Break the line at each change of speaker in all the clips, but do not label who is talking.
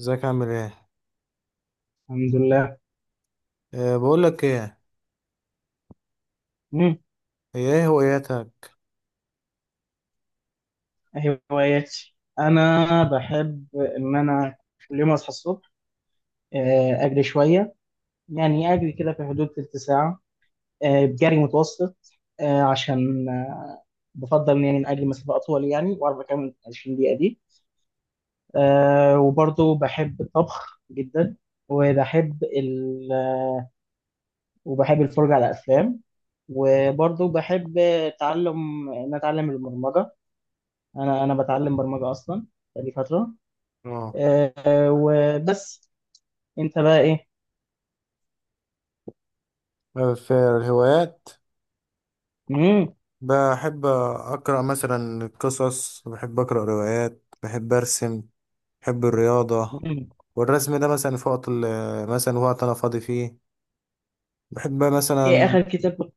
ازيك عامل ايه؟
الحمد لله.
أه، بقول لك ايه.
مم.
هي ايه هواياتك؟
هواياتي، انا بحب ان انا كل يوم اصحى الصبح اجري شويه. يعني اجري كده في حدود تلت ساعه. بجري متوسط. عشان بفضل، يعني إن اجري مسافه اطول، يعني واعرف اكمل 20 دقيقه دي. وبرضه بحب الطبخ جدا. وبحب ال... وبحب الفرجه على افلام. وبرضه بحب تعلم ان اتعلم البرمجه. انا بتعلم برمجه اصلا بقالي فتره.
اه.
آه. وبس. انت بقى ايه؟
في الهوايات،
مم.
بحب اقرا مثلا قصص، بحب اقرا روايات، بحب ارسم. بحب الرياضه.
مم.
والرسم ده مثلا في وقت مثلا وقت انا فاضي فيه، بحب
ايه
مثلا...
اخر كتاب كنت-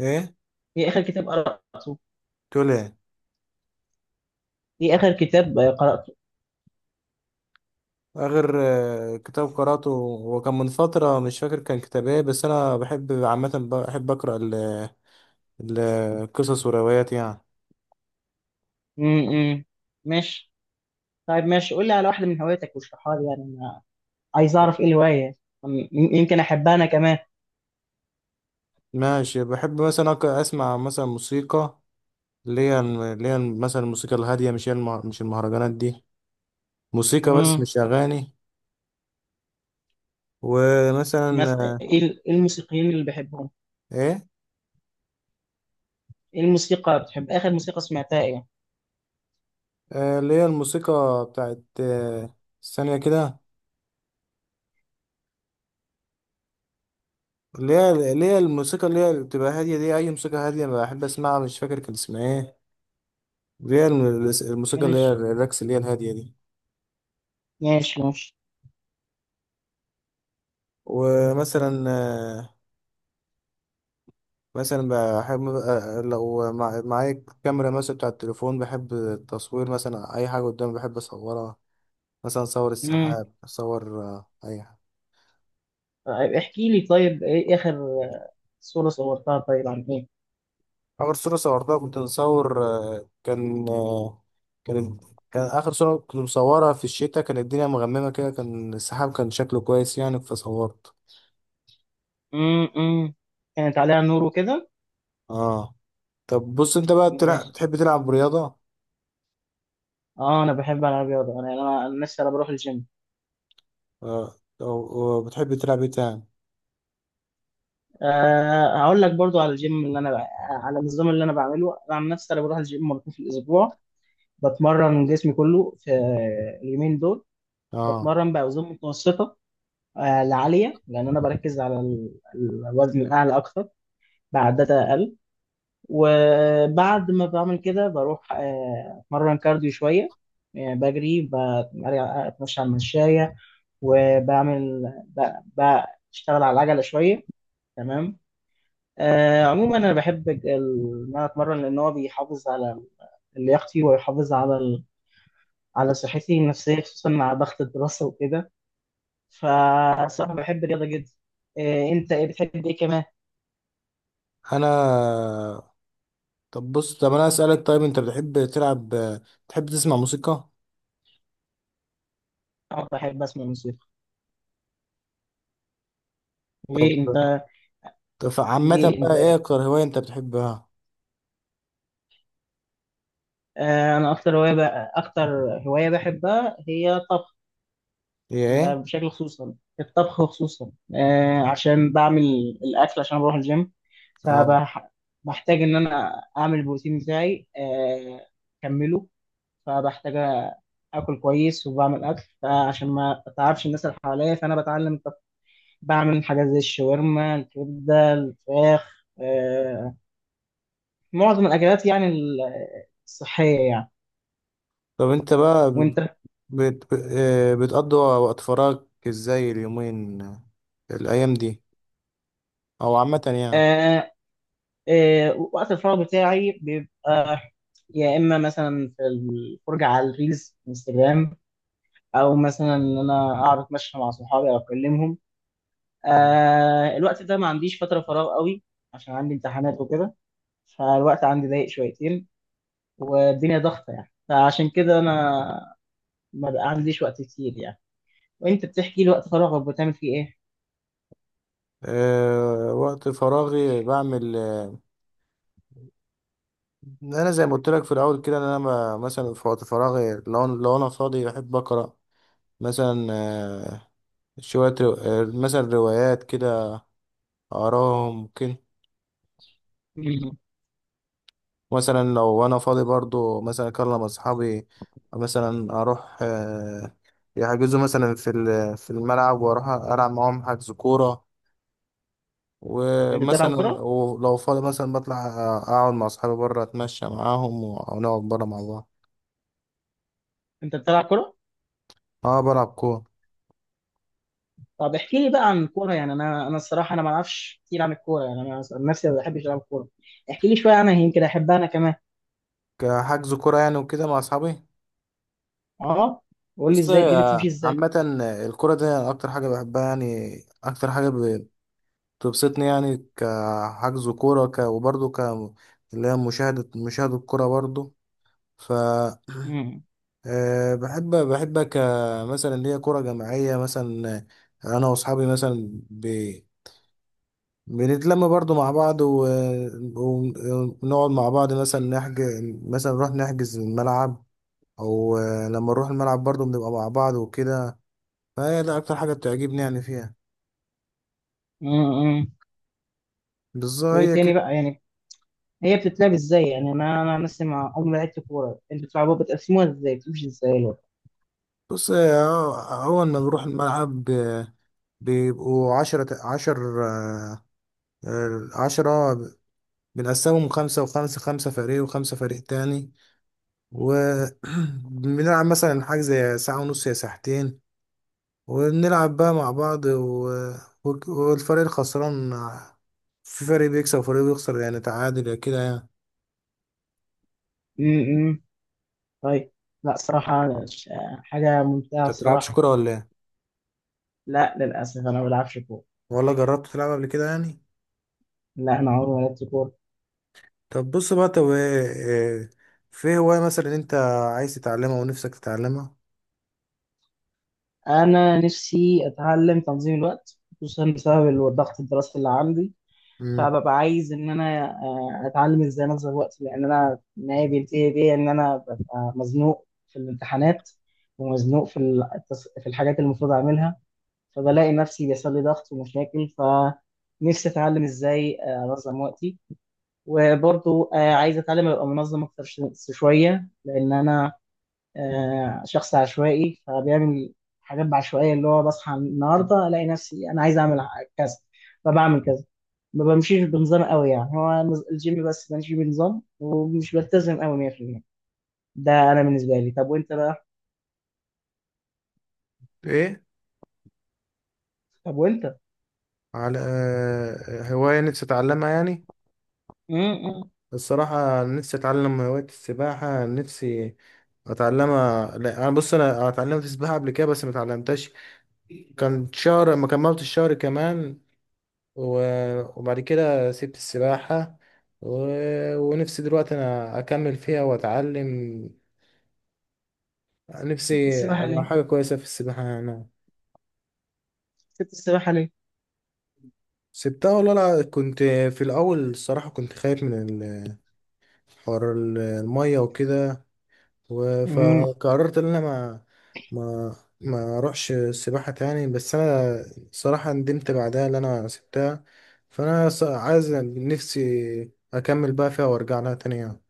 ايه؟
ايه اخر كتاب قرأته؟
تقول ايه؟
ايه اخر كتاب قرأته؟
اخر كتاب قراته هو كان من فتره، مش فاكر كان كتاب ايه، بس انا بحب عامه بحب اقرا القصص والروايات يعني.
مم. مم. ماشي. طيب، ماشي، قول لي على واحدة من هواياتك واشرحها لي، يعني انا عايز اعرف ايه الهواية. يمكن احبها انا كمان.
ماشي. بحب مثلا اسمع مثلا موسيقى، اللي هي مثلا الموسيقى الهاديه، مش المهرجانات دي، موسيقى بس
مم.
مش اغاني. ومثلا
مس... ايه إيه الموسيقيين اللي بحبهم؟
ايه؟
ايه الموسيقى بتحب؟ اخر موسيقى سمعتها ايه؟
اللي هي الموسيقى بتاعت ثانيه كده. اللي هي الموسيقى اللي هي بتبقى هاديه دي، اي موسيقى هاديه بحب اسمعها، مش فاكر كان اسمها ايه. اللي هي الموسيقى اللي هي
ماشي.
الرقص اللي هي الهاديه دي.
ماشي ماشي.
ومثلا مثلا بحب لو معايا كاميرا مثلا بتاع التليفون، بحب التصوير، مثلا اي حاجه قدامي بحب اصورها. مثلا اصور
مم.
السحاب، اصور اي حاجه.
طيب احكي لي، طيب ايه اخر صورة صورتها؟ طيب عن ايه؟
اخر صوره صورتها كنت مصور كان كان كان اخر صوره كنت مصورها في الشتاء، كان الدنيا مغممه كده، كان السحاب كان شكله كويس يعني، فصورت.
امم. كانت عليها نور وكده.
اه. طب بص انت بقى بتلعب،
ماشي.
بتحب تلعب رياضه؟
اه، انا بحب العب رياضه. انا لسه، انا بروح الجيم.
آه، او أو بتحب تلعب ايه تاني؟
هقول لك برضو على الجيم على النظام اللي انا بعمله. انا عن نفسي انا بروح الجيم مرتين في الاسبوع. بتمرن جسمي كله في اليومين دول.
اه،
بتمرن باوزان متوسطه لعاليه، لان انا بركز على الوزن الاعلى اكتر بعدات اقل. وبعد ما بعمل كده بروح اتمرن كارديو شويه. يعني بجري، بتمشى على المشاية، وبعمل ب- بشتغل على العجلة شوية. تمام. عموما أنا بحب إن أنا أتمرن، لأن هو بيحافظ على لياقتي ويحافظ على صحتي النفسية، خصوصا مع ضغط الدراسة وكده. فصراحة بحب الرياضة جدا. أنت إيه بتحب إيه كمان؟
انا. طب بص طب انا اسالك، طيب انت بتحب تلعب؟ بتحب تسمع موسيقى؟
أنا بحب أسمع موسيقى. ليه
طب
أنت؟
طب عامه
ليه أنت
بقى ايه
إيه؟
اكتر هوايه انت بتحبها؟
أنا أكتر هواية بحبها هي الطبخ.
هي
ده
ايه؟
بشكل، خصوصا في الطبخ. خصوصا عشان بعمل الاكل، عشان بروح الجيم،
اه،
فبحتاج ان انا اعمل البروتين بتاعي اكمله. فبحتاج اكل كويس، وبعمل اكل، فعشان ما اتعبش الناس اللي حواليا فانا بتعلم الطبخ. بعمل حاجات زي الشاورما، الكبده، الفراخ. معظم الاكلات يعني، الصحيه يعني.
طب انت بقى
وانت؟
بت... بت... آه، بتقضي وقت فراغك ازاي، اليومين، الايام دي، او عامه يعني؟
آه. وقت الفراغ بتاعي بيبقى يا اما مثلا في الفرجه على الريلز انستجرام، او مثلا ان انا اقعد اتمشى مع صحابي او اكلمهم.
تمام.
الوقت ده ما عنديش فتره فراغ قوي، عشان عندي امتحانات وكده. فالوقت عندي ضيق شويتين، والدنيا ضغطه يعني، فعشان كده انا ما بقى عنديش وقت كتير يعني. وانت بتحكي لي، وقت فراغك بتعمل فيه ايه؟
أه، وقت فراغي بعمل انا زي ما قلت لك في الاول كده، ان انا مثلا في وقت فراغي، لو انا فاضي بحب اقرا مثلا شويه رو... آه، مثلا روايات كده، أراه ممكن.
مم.
مثلا لو أنا فاضي برضو، مثلا أكلم أصحابي، مثلا أروح يحجزوا مثلا في في الملعب وأروح ألعب معاهم حجز كورة.
انت بتلعب
ومثلا
كوره؟
ولو فاضي مثلا بطلع أقعد مع أصحابي بره، أتمشى معاهم ونقعد بره مع بعض.
انت بتلعب كوره؟
أه، بلعب كورة،
طب احكي لي بقى عن الكوره. يعني انا الصراحه، انا ما اعرفش كتير عن الكوره، يعني انا عن نفسي ما بحبش العب كوره. احكي لي شويه عنها، يمكن احبها انا كمان.
كحجز كورة يعني وكده مع أصحابي.
اه. قول لي،
بص
ازاي الدنيا بتمشي ازاي؟
عامة الكورة دي أكتر حاجة بحبها يعني، أكتر حاجة تبسطني يعني كحجز كورة، وبرضه اللي هي مشاهدة الكورة برضه. ف
مم.
بحب كمثلا اللي هي كورة جماعية مثلا. أنا وأصحابي مثلا بنتلم برضه مع بعض ونقعد مع بعض مثلا نحجز، مثلا نروح نحجز الملعب، أو لما نروح الملعب برضه بنبقى مع بعض وكده. فهي ده أكتر حاجة بتعجبني يعني فيها.
مم.
بالظبط
وايه
هي
تاني
كده.
بقى يعني؟ هي بتتلعب ازاي؟ يعني انا مثلا عمري ما لعبت كوره. انتوا بتلعبوها، بتقسموها ازاي؟ بتمشي ازاي الوضع؟
بص أول ما بنروح الملعب، بيبقوا عشرة، عشر عشرة. بنقسمهم خمسة وخمسة، خمسة فريق وخمسة فريق تاني، وبنلعب مثلا حاجة زي ساعة ونص يا ساعتين. وبنلعب بقى مع بعض والفريق الخسران، في فريق بيكسب وفريق بيخسر، يعني تعادل يا كده يعني.
امم. طيب. لا صراحه ش- حاجه ممتعه
انت بتلعبش
الصراحه.
كورة ولا ايه؟
لا، للاسف انا ما بلعبش كوره.
ولا جربت تلعب قبل كده يعني؟
لا، انا عمري ما لعبت كوره.
طب بص بقى طب إيه، في هواية مثلا انت عايز تتعلمها ونفسك تتعلمها؟
انا نفسي اتعلم تنظيم الوقت، خصوصا بسبب الضغط الدراسي اللي عندي.
مم.
فببقى عايز ان انا اتعلم ازاي انظم وقتي، لان انا النهايه بينتهي بيا ان انا ببقى مزنوق في الامتحانات، ومزنوق في الحاجات اللي المفروض اعملها. فبلاقي نفسي بيحصل لي ضغط ومشاكل، فنفسي اتعلم ازاي انظم وقتي. وبرضو عايز اتعلم ابقى منظم اكتر شويه، لان انا شخص عشوائي، فبيعمل حاجات بعشوائية. اللي هو بصحى النهاردة ألاقي نفسي أنا عايز أعمل كذا، فبعمل كذا. ما بمشيش بنظام قوي، يعني هو الجيم بس بمشي بنظام، ومش بلتزم قوي 100%. ده أنا بالنسبة لي. طب وأنت بقى؟
ايه؟
طب وأنت؟
على هواية نفسي أتعلمها يعني.
امم.
الصراحة نفسي أتعلم هواية السباحة، نفسي أتعلمها. لا، أنا بص، أنا اتعلمت سباحة قبل كده بس ما اتعلمتهاش، كان شهر ما كملت الشهر كمان، وبعد كده سبت السباحة و... ونفسي دلوقتي أنا أكمل فيها وأتعلم،
سبت
نفسي
السباحة
أبقى
ليه؟
حاجة كويسة في السباحة أنا.
سبت السباحة ليه؟
سبتها والله، لا، كنت في الأول الصراحة كنت خايف من ال- حوار المية وكده،
امم.
فقررت ان انا ما ما اروحش السباحه تاني، بس انا صراحه ندمت بعدها ان انا سبتها. فانا عايز نفسي اكمل بقى فيها وارجع لها تاني يعني.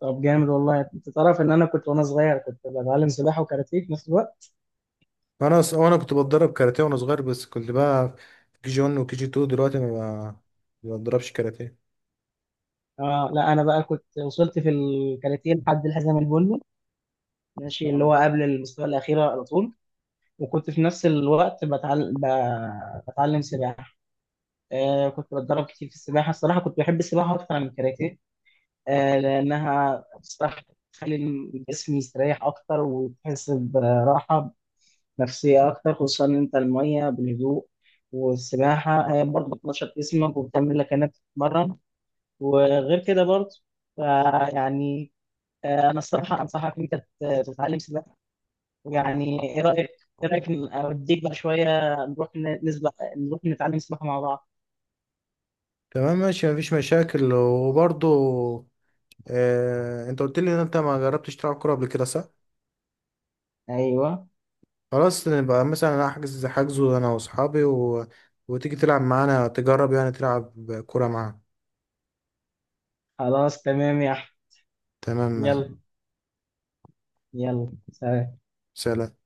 طب جامد والله. انت تعرف ان انا كنت وانا صغير كنت بتعلم سباحه وكاراتيه في نفس الوقت.
انا وانا كنت بتدرب كاراتيه وانا صغير، بس كنت بقى في كي جي 1 وكي جي 2، دلوقتي ما بتدربش كاراتيه.
اه، لا، انا بقى كنت وصلت في الكاراتيه لحد الحزام البني. ماشي، اللي هو
آه.
قبل المستوى الأخير على طول. وكنت في نفس الوقت بتعلم سباحة. كنت بتدرب كتير في السباحة. الصراحة كنت بحب السباحة أكتر من الكاراتيه. لأنها بصراحة بتخلي الجسم يستريح أكتر، وتحس براحة نفسية أكتر، خصوصا إن أنت المية بالهدوء. والسباحة هي برضه بتنشط جسمك وبتعمل لك إنك تتمرن وغير كده برضه، فيعني أنا الصراحة أنصحك إن أنت تتعلم سباحة. يعني ايه رايك؟ ايه رايك، اوديك بقى شويه نروح نسبح؟ نروح نتعلم سباحه مع بعض.
تمام ماشي، مفيش مشاكل. وبرضو انت قلت لي ان انت ما جربتش تلعب كوره قبل كده، صح؟
ايوه.
خلاص نبقى مثلا أنا احجز حجزه انا واصحابي وتيجي تلعب معانا، تجرب يعني تلعب كورة معانا.
خلاص، تمام يا احمد.
تمام.
يلا. يلا، سلام.
سلام.